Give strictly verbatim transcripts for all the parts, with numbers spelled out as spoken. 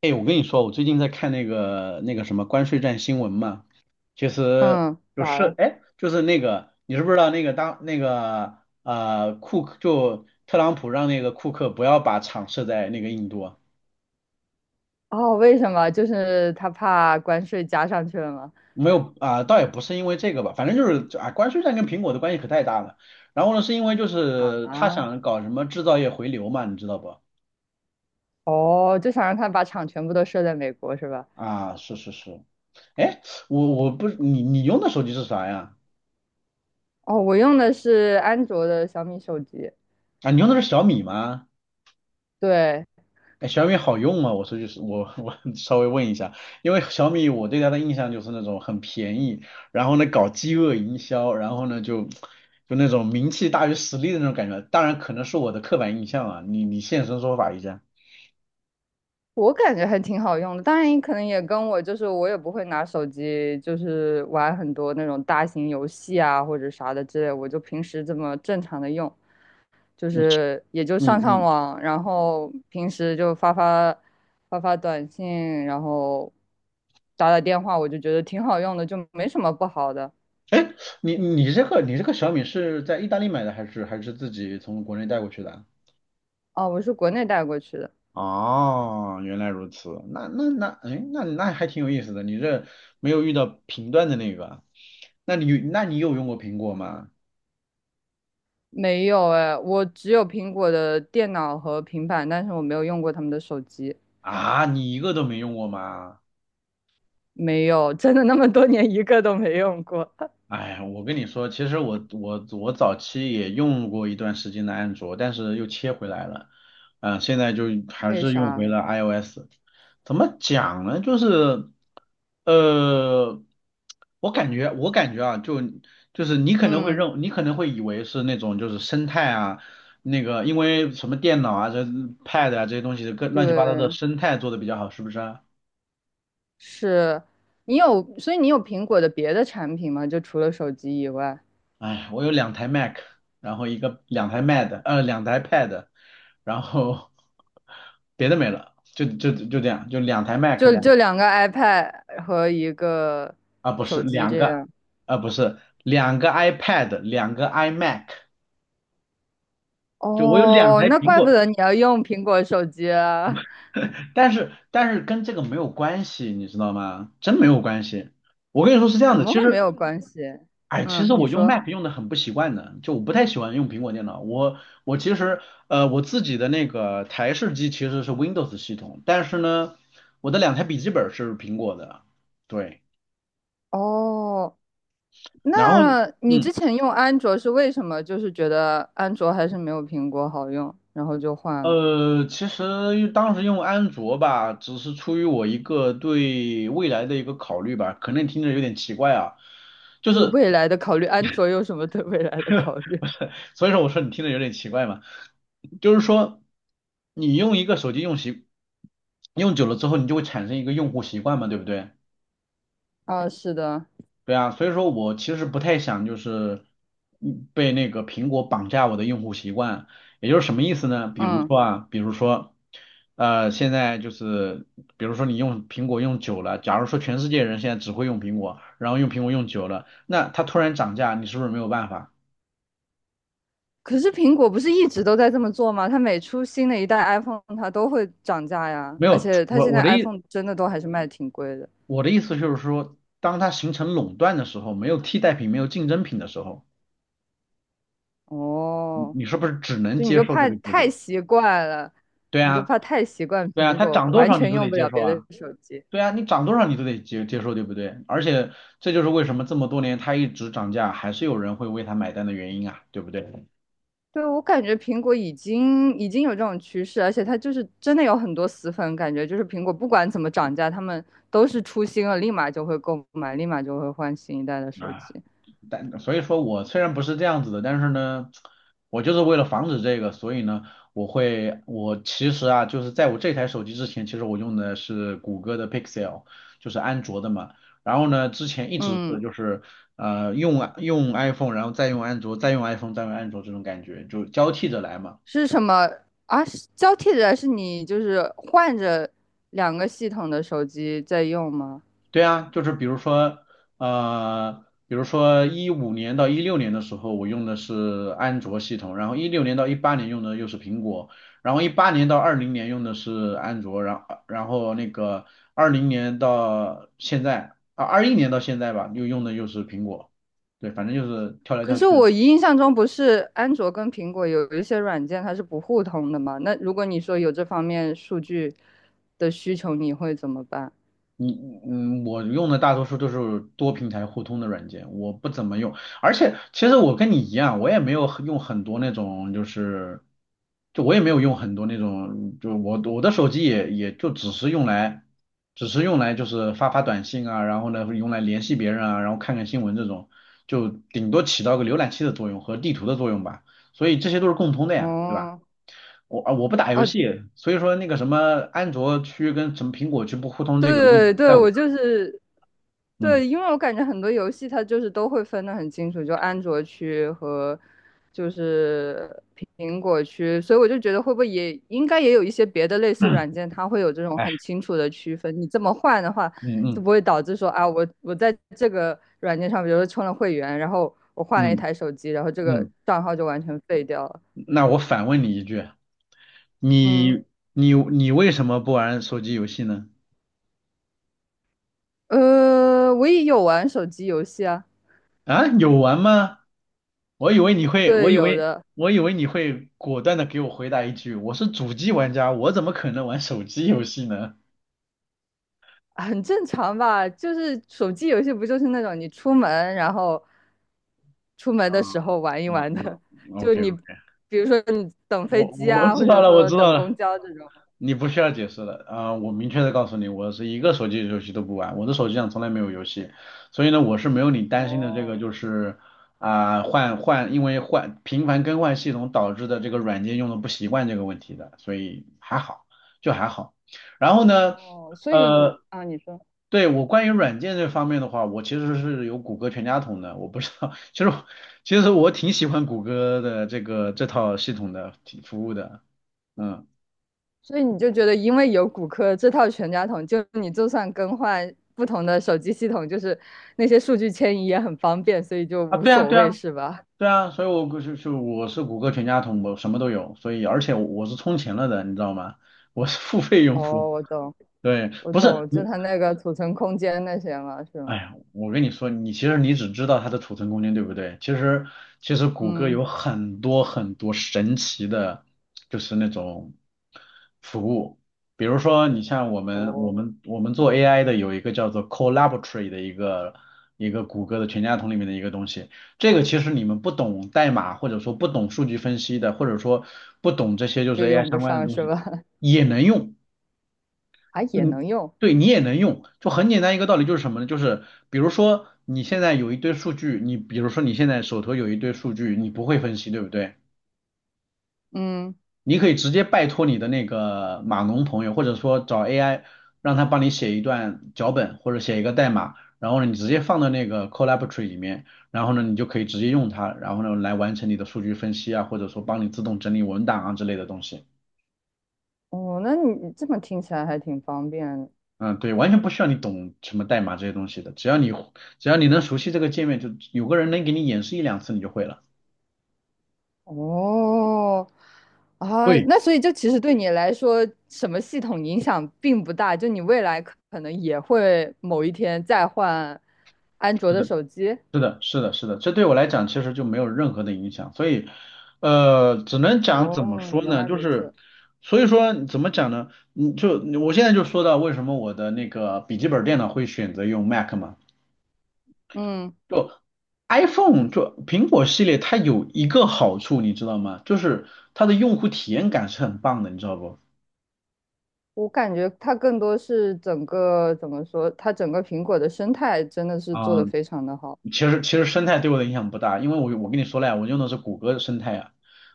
哎，我跟你说，我最近在看那个那个什么关税战新闻嘛，其实嗯，就咋是了？哎，就是那个你知不知道那个当那个呃库克就特朗普让那个库克不要把厂设在那个印度啊。哦，为什么？就是他怕关税加上去了吗？没有啊、倒也不是因为这个吧，反正就是啊关税战跟苹果的关系可太大了。然后呢，是因为就是他啊，想搞什么制造业回流嘛，你知道不？哦，就想让他把厂全部都设在美国是吧？啊，是是是，哎，我我不你你用的手机是啥呀？哦，我用的是安卓的小米手机。啊，你用的是小米吗？对，哎，小米好用吗？我说就是我我 稍微问一下，因为小米我对它的印象就是那种很便宜，然后呢搞饥饿营销，然后呢就就那种名气大于实力的那种感觉。当然可能是我的刻板印象啊，你你现身说法一下。我感觉还挺好用的。当然，你可能也跟我就是我也不会拿手机，就是玩很多那种大型游戏啊或者啥的之类，我就平时这么正常的用。就是也就嗯上上嗯，网，然后平时就发发发发短信，然后打打电话，我就觉得挺好用的，就没什么不好的。你你这个你这个小米是在意大利买的还是还是自己从国内带过去的啊？哦，我是国内带过去的。哦，原来如此，那那那，哎，那那还挺有意思的。你这没有遇到频段的那个，那你那你有用过苹果吗？没有哎，我只有苹果的电脑和平板，但是我没有用过他们的手机。啊，你一个都没用过吗？没有，真的那么多年一个都没用过。哎，我跟你说，其实我我我早期也用过一段时间的安卓，但是又切回来了，嗯、现在就 还为是用回啥？了 iOS。怎么讲呢？就是，呃，我感觉我感觉啊，就就是你可能会嗯，认，你可能会以为是那种就是生态啊，那个因为什么电脑啊、这 Pad 啊这些东西的各乱七八糟的对，生态做的比较好，是不是啊？是。你有，所以你有苹果的别的产品吗？就除了手机以外。哎，我有两台 Mac，然后一个两台 Mad，呃，两台 Pad，然后 别的没了，就就就这样，就两台 Mac 就两，就两个 iPad 和一个啊不是手机两这个样。啊不是两个 iPad，两个 iMac，就我有两哦，台那苹怪不果，得你要用苹果手机啊。但是但是跟这个没有关系，你知道吗？真没有关系。我跟你说是这样怎的，么其会没实有关系？哎，其嗯，实你我用 说。Mac 用的很不习惯的，就我不太喜欢用苹果电脑。我我其实呃我自己的那个台式机其实是 Windows 系统，但是呢，我的两台笔记本是苹果的，对。哦，那然后你嗯之前用安卓是为什么？就是觉得安卓还是没有苹果好用，然后就换了。呃，其实当时用安卓吧，只是出于我一个对未来的一个考虑吧，可能听着有点奇怪啊，就对是 未来的考虑，安卓有什么对未来的考虑？所以说我说你听着有点奇怪嘛，就是说你用一个手机用习用久了之后，你就会产生一个用户习惯嘛，对不对？啊，是的，对啊，所以说我其实不太想就是嗯被那个苹果绑架我的用户习惯，也就是什么意思呢？比如嗯。说啊，比如说呃，现在就是比如说你用苹果用久了，假如说全世界人现在只会用苹果，然后用苹果用久了，那它突然涨价，你是不是没有办法？可是苹果不是一直都在这么做吗？它每出新的一代 iPhone，它都会涨价呀。没而有，且它我现我在 的意 iPhone 真的都还是卖挺贵的。我的意思就是说，当它形成垄断的时候，没有替代品，没有竞争品的时候，你哦，你是不是只能就你接就受这怕个结太果？习惯了，对你就啊，怕太习惯对啊，苹它果，涨多完少你全都用得不接了受别的啊，手机。对啊，你涨多少你都得接接受，对不对？而且这就是为什么这么多年它一直涨价，还是有人会为它买单的原因啊，对不对？对，我感觉苹果已经已经有这种趋势，而且它就是真的有很多死粉，感觉就是苹果不管怎么涨价，他们都是出新了，立马就会购买，立马就会换新一代的手机。但所以说我虽然不是这样子的，但是呢，我就是为了防止这个，所以呢，我会，我其实啊，就是在我这台手机之前，其实我用的是谷歌的 Pixel，就是安卓的嘛。然后呢，之前一直是嗯，就是呃用用 iPhone，然后再用安卓，再用 iPhone，再用安卓这种感觉，就交替着来嘛。是什么啊？是交替着是你就是换着两个系统的手机在用吗？对啊，就是比如说，呃，比如说一五年到一六年的时候，我用的是安卓系统，然后一六年到一八年用的又是苹果，然后一八年到二零年用的是安卓，然后然后那个二零年到现在啊，二一年到现在吧，又用的又是苹果，对，反正就是跳来可跳是去。我印象中不是安卓跟苹果有一些软件它是不互通的吗？那如果你说有这方面数据的需求，你会怎么办？你嗯，嗯我用的大多数都是多平台互通的软件，我不怎么用。而且其实我跟你一样，我也没有很用很多那种，就是就我也没有用很多那种，就我我的手机也也就只是用来，只是用来就是发发短信啊，然后呢用来联系别人啊，然后看看新闻这种，就顶多起到个浏览器的作用和地图的作用吧。所以这些都是共通的呀，对吧？哦我啊我不打游哦，戏，所以说那个什么安卓区跟什么苹果区不互通这个问对题，在对，我。我就是嗯对，因为我感觉很多游戏它就是都会分得很清楚，就安卓区和就是苹果区，所以我就觉得会不会也应该也有一些别的类似嗯，软件，它会有这种哎，很清楚的区分。你这么换的话，嗯就嗯不会导致说啊，我我在这个软件上，比如说充了会员，然后我换了一嗯台手机，然后这个嗯，账号就完全废掉了。那我反问你一句，嗯，你你你为什么不玩手机游戏呢？呃，我也有玩手机游戏啊。啊，有玩吗？我以为你会，我对，以有为的。我以为你会果断的给我回答一句，我是主机玩家，我怎么可能玩手机游戏呢？很正常吧，就是手机游戏不就是那种你出门，然后出门啊的时候玩一啊玩的，啊 就，OK 你 OK，比如说你等飞我机我我啊，或知道者了，我说知道等了。公交这种。你不需要解释了啊、我明确的告诉你，我是一个手机游戏都不玩，我的手机上从来没有游戏，所以呢，我是没有你担心的这个哦就是啊、换换因为换频繁更换系统导致的这个软件用的不习惯这个问题的，所以还好，就还好。然后呢，哦，所以你呃，啊，你说，对我关于软件这方面的话，我其实是有谷歌全家桶的，我不知道，其实我其实我挺喜欢谷歌的这个这套系统的挺服务的，嗯。所以你就觉得因为有骨科这套全家桶，就你就算更换不同的手机系统，就是那些数据迁移也很方便，所以就啊，无对啊，所对谓啊，是吧？对啊，所以我就是就我是谷歌全家桶，我什么都有，所以而且我是充钱了的，你知道吗？我是付费用户。哦，我懂，对，我不是，懂，就它那个储存空间那些嘛，是哎吗？呀，我跟你说，你其实你只知道它的储存空间，对不对？其实其实谷歌嗯。有很多很多神奇的，就是那种服务，比如说你像我们我哦，们我们做 A I 的有一个叫做 Collaboratory 的一个一个谷歌的全家桶里面的一个东西，这个其实你们不懂代码或者说不懂数据分析的，或者说不懂这些就是 就 A I 用不相关的上东是西吧？也能用。啊，也嗯，能用，对你也能用，就很简单一个道理，就是什么呢？就是比如说你现在有一堆数据，你比如说你现在手头有一堆数据，你不会分析，对不对？嗯。你可以直接拜托你的那个码农朋友，或者说找 A I 让他帮你写一段脚本或者写一个代码，然后呢你直接放到那个 Collaboratory 里面，然后呢你就可以直接用它，然后呢来完成你的数据分析啊，或者说帮你自动整理文档啊之类的东西。哦，那你这么听起来还挺方便的。嗯，对，完全不需要你懂什么代码这些东西的，只要你只要你能熟悉这个界面，就有个人能给你演示一两次，你就会了。哦，啊，对，那所以就其实对你来说，什么系统影响并不大，就你未来可可能也会某一天再换安卓是的的，手机。是的，是的，是的，这对我来讲其实就没有任何的影响，所以，呃，只能讲怎么哦，说原呢，来就如此。是，所以说怎么讲呢？你就我现在就说到为什么我的那个笔记本电脑会选择用 Mac 嘛，嗯，就 iPhone 就苹果系列它有一个好处，你知道吗？就是它的用户体验感是很棒的，你知道不？我感觉它更多是整个怎么说，它整个苹果的生态真的是做啊、得非常的好。其实其实生态对我的影响不大，因为我我跟你说了呀，我用的是谷歌的生态啊，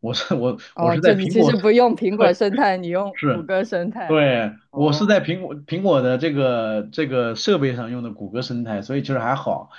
我是我我哦，是就在你苹其果，实不用苹 果对，生态，你用谷是，歌生态。对，我哦是在苹果苹果的这个这个设备上用的谷歌生态，所以其实还好。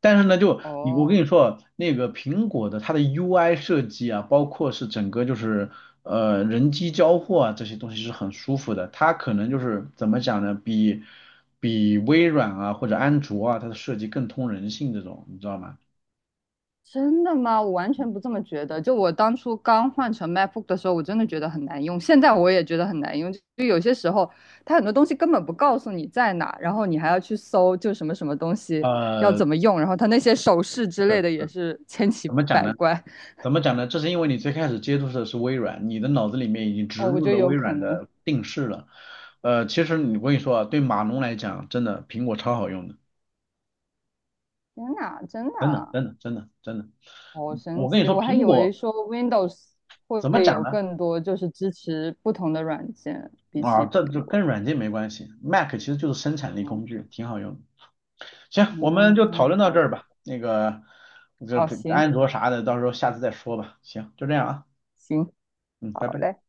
但是呢，就你我跟哦，你说，那个苹果的它的 U I 设计啊，包括是整个就是呃人机交互啊这些东西是很舒服的，它可能就是怎么讲呢，比比微软啊或者安卓啊它的设计更通人性这种，你知道吗？真的吗？我完全不这么觉得。就我当初刚换成 MacBook 的时候，我真的觉得很难用，现在我也觉得很难用。就有些时候，它很多东西根本不告诉你在哪，然后你还要去搜，就什么什么东西要呃，怎么用，然后它那些手势之类的是也是千奇怎么讲百呢？怪。怎么讲呢？这是因为你最开始接触的是微软，你的脑子里面已经植哦，我入觉得了有微可软能。的定式了。呃，其实你我跟你说啊，对码农来讲，真的苹果超好用的，天哪，真真的，的。真的，真的，真的。好神我跟你奇！说，我还苹以为果说 Windows 会不怎么会讲有呢？更多就是支持不同的软件，比啊，起苹这就跟果。软件没关系，Mac 其实就是生产力嗯，工具，挺好用的。行，我们哦，就讨论到好这的，儿吧。那个，这好，这行安卓啥的，到时候下次再说吧。行，就这样啊，行，嗯，拜好拜。嘞。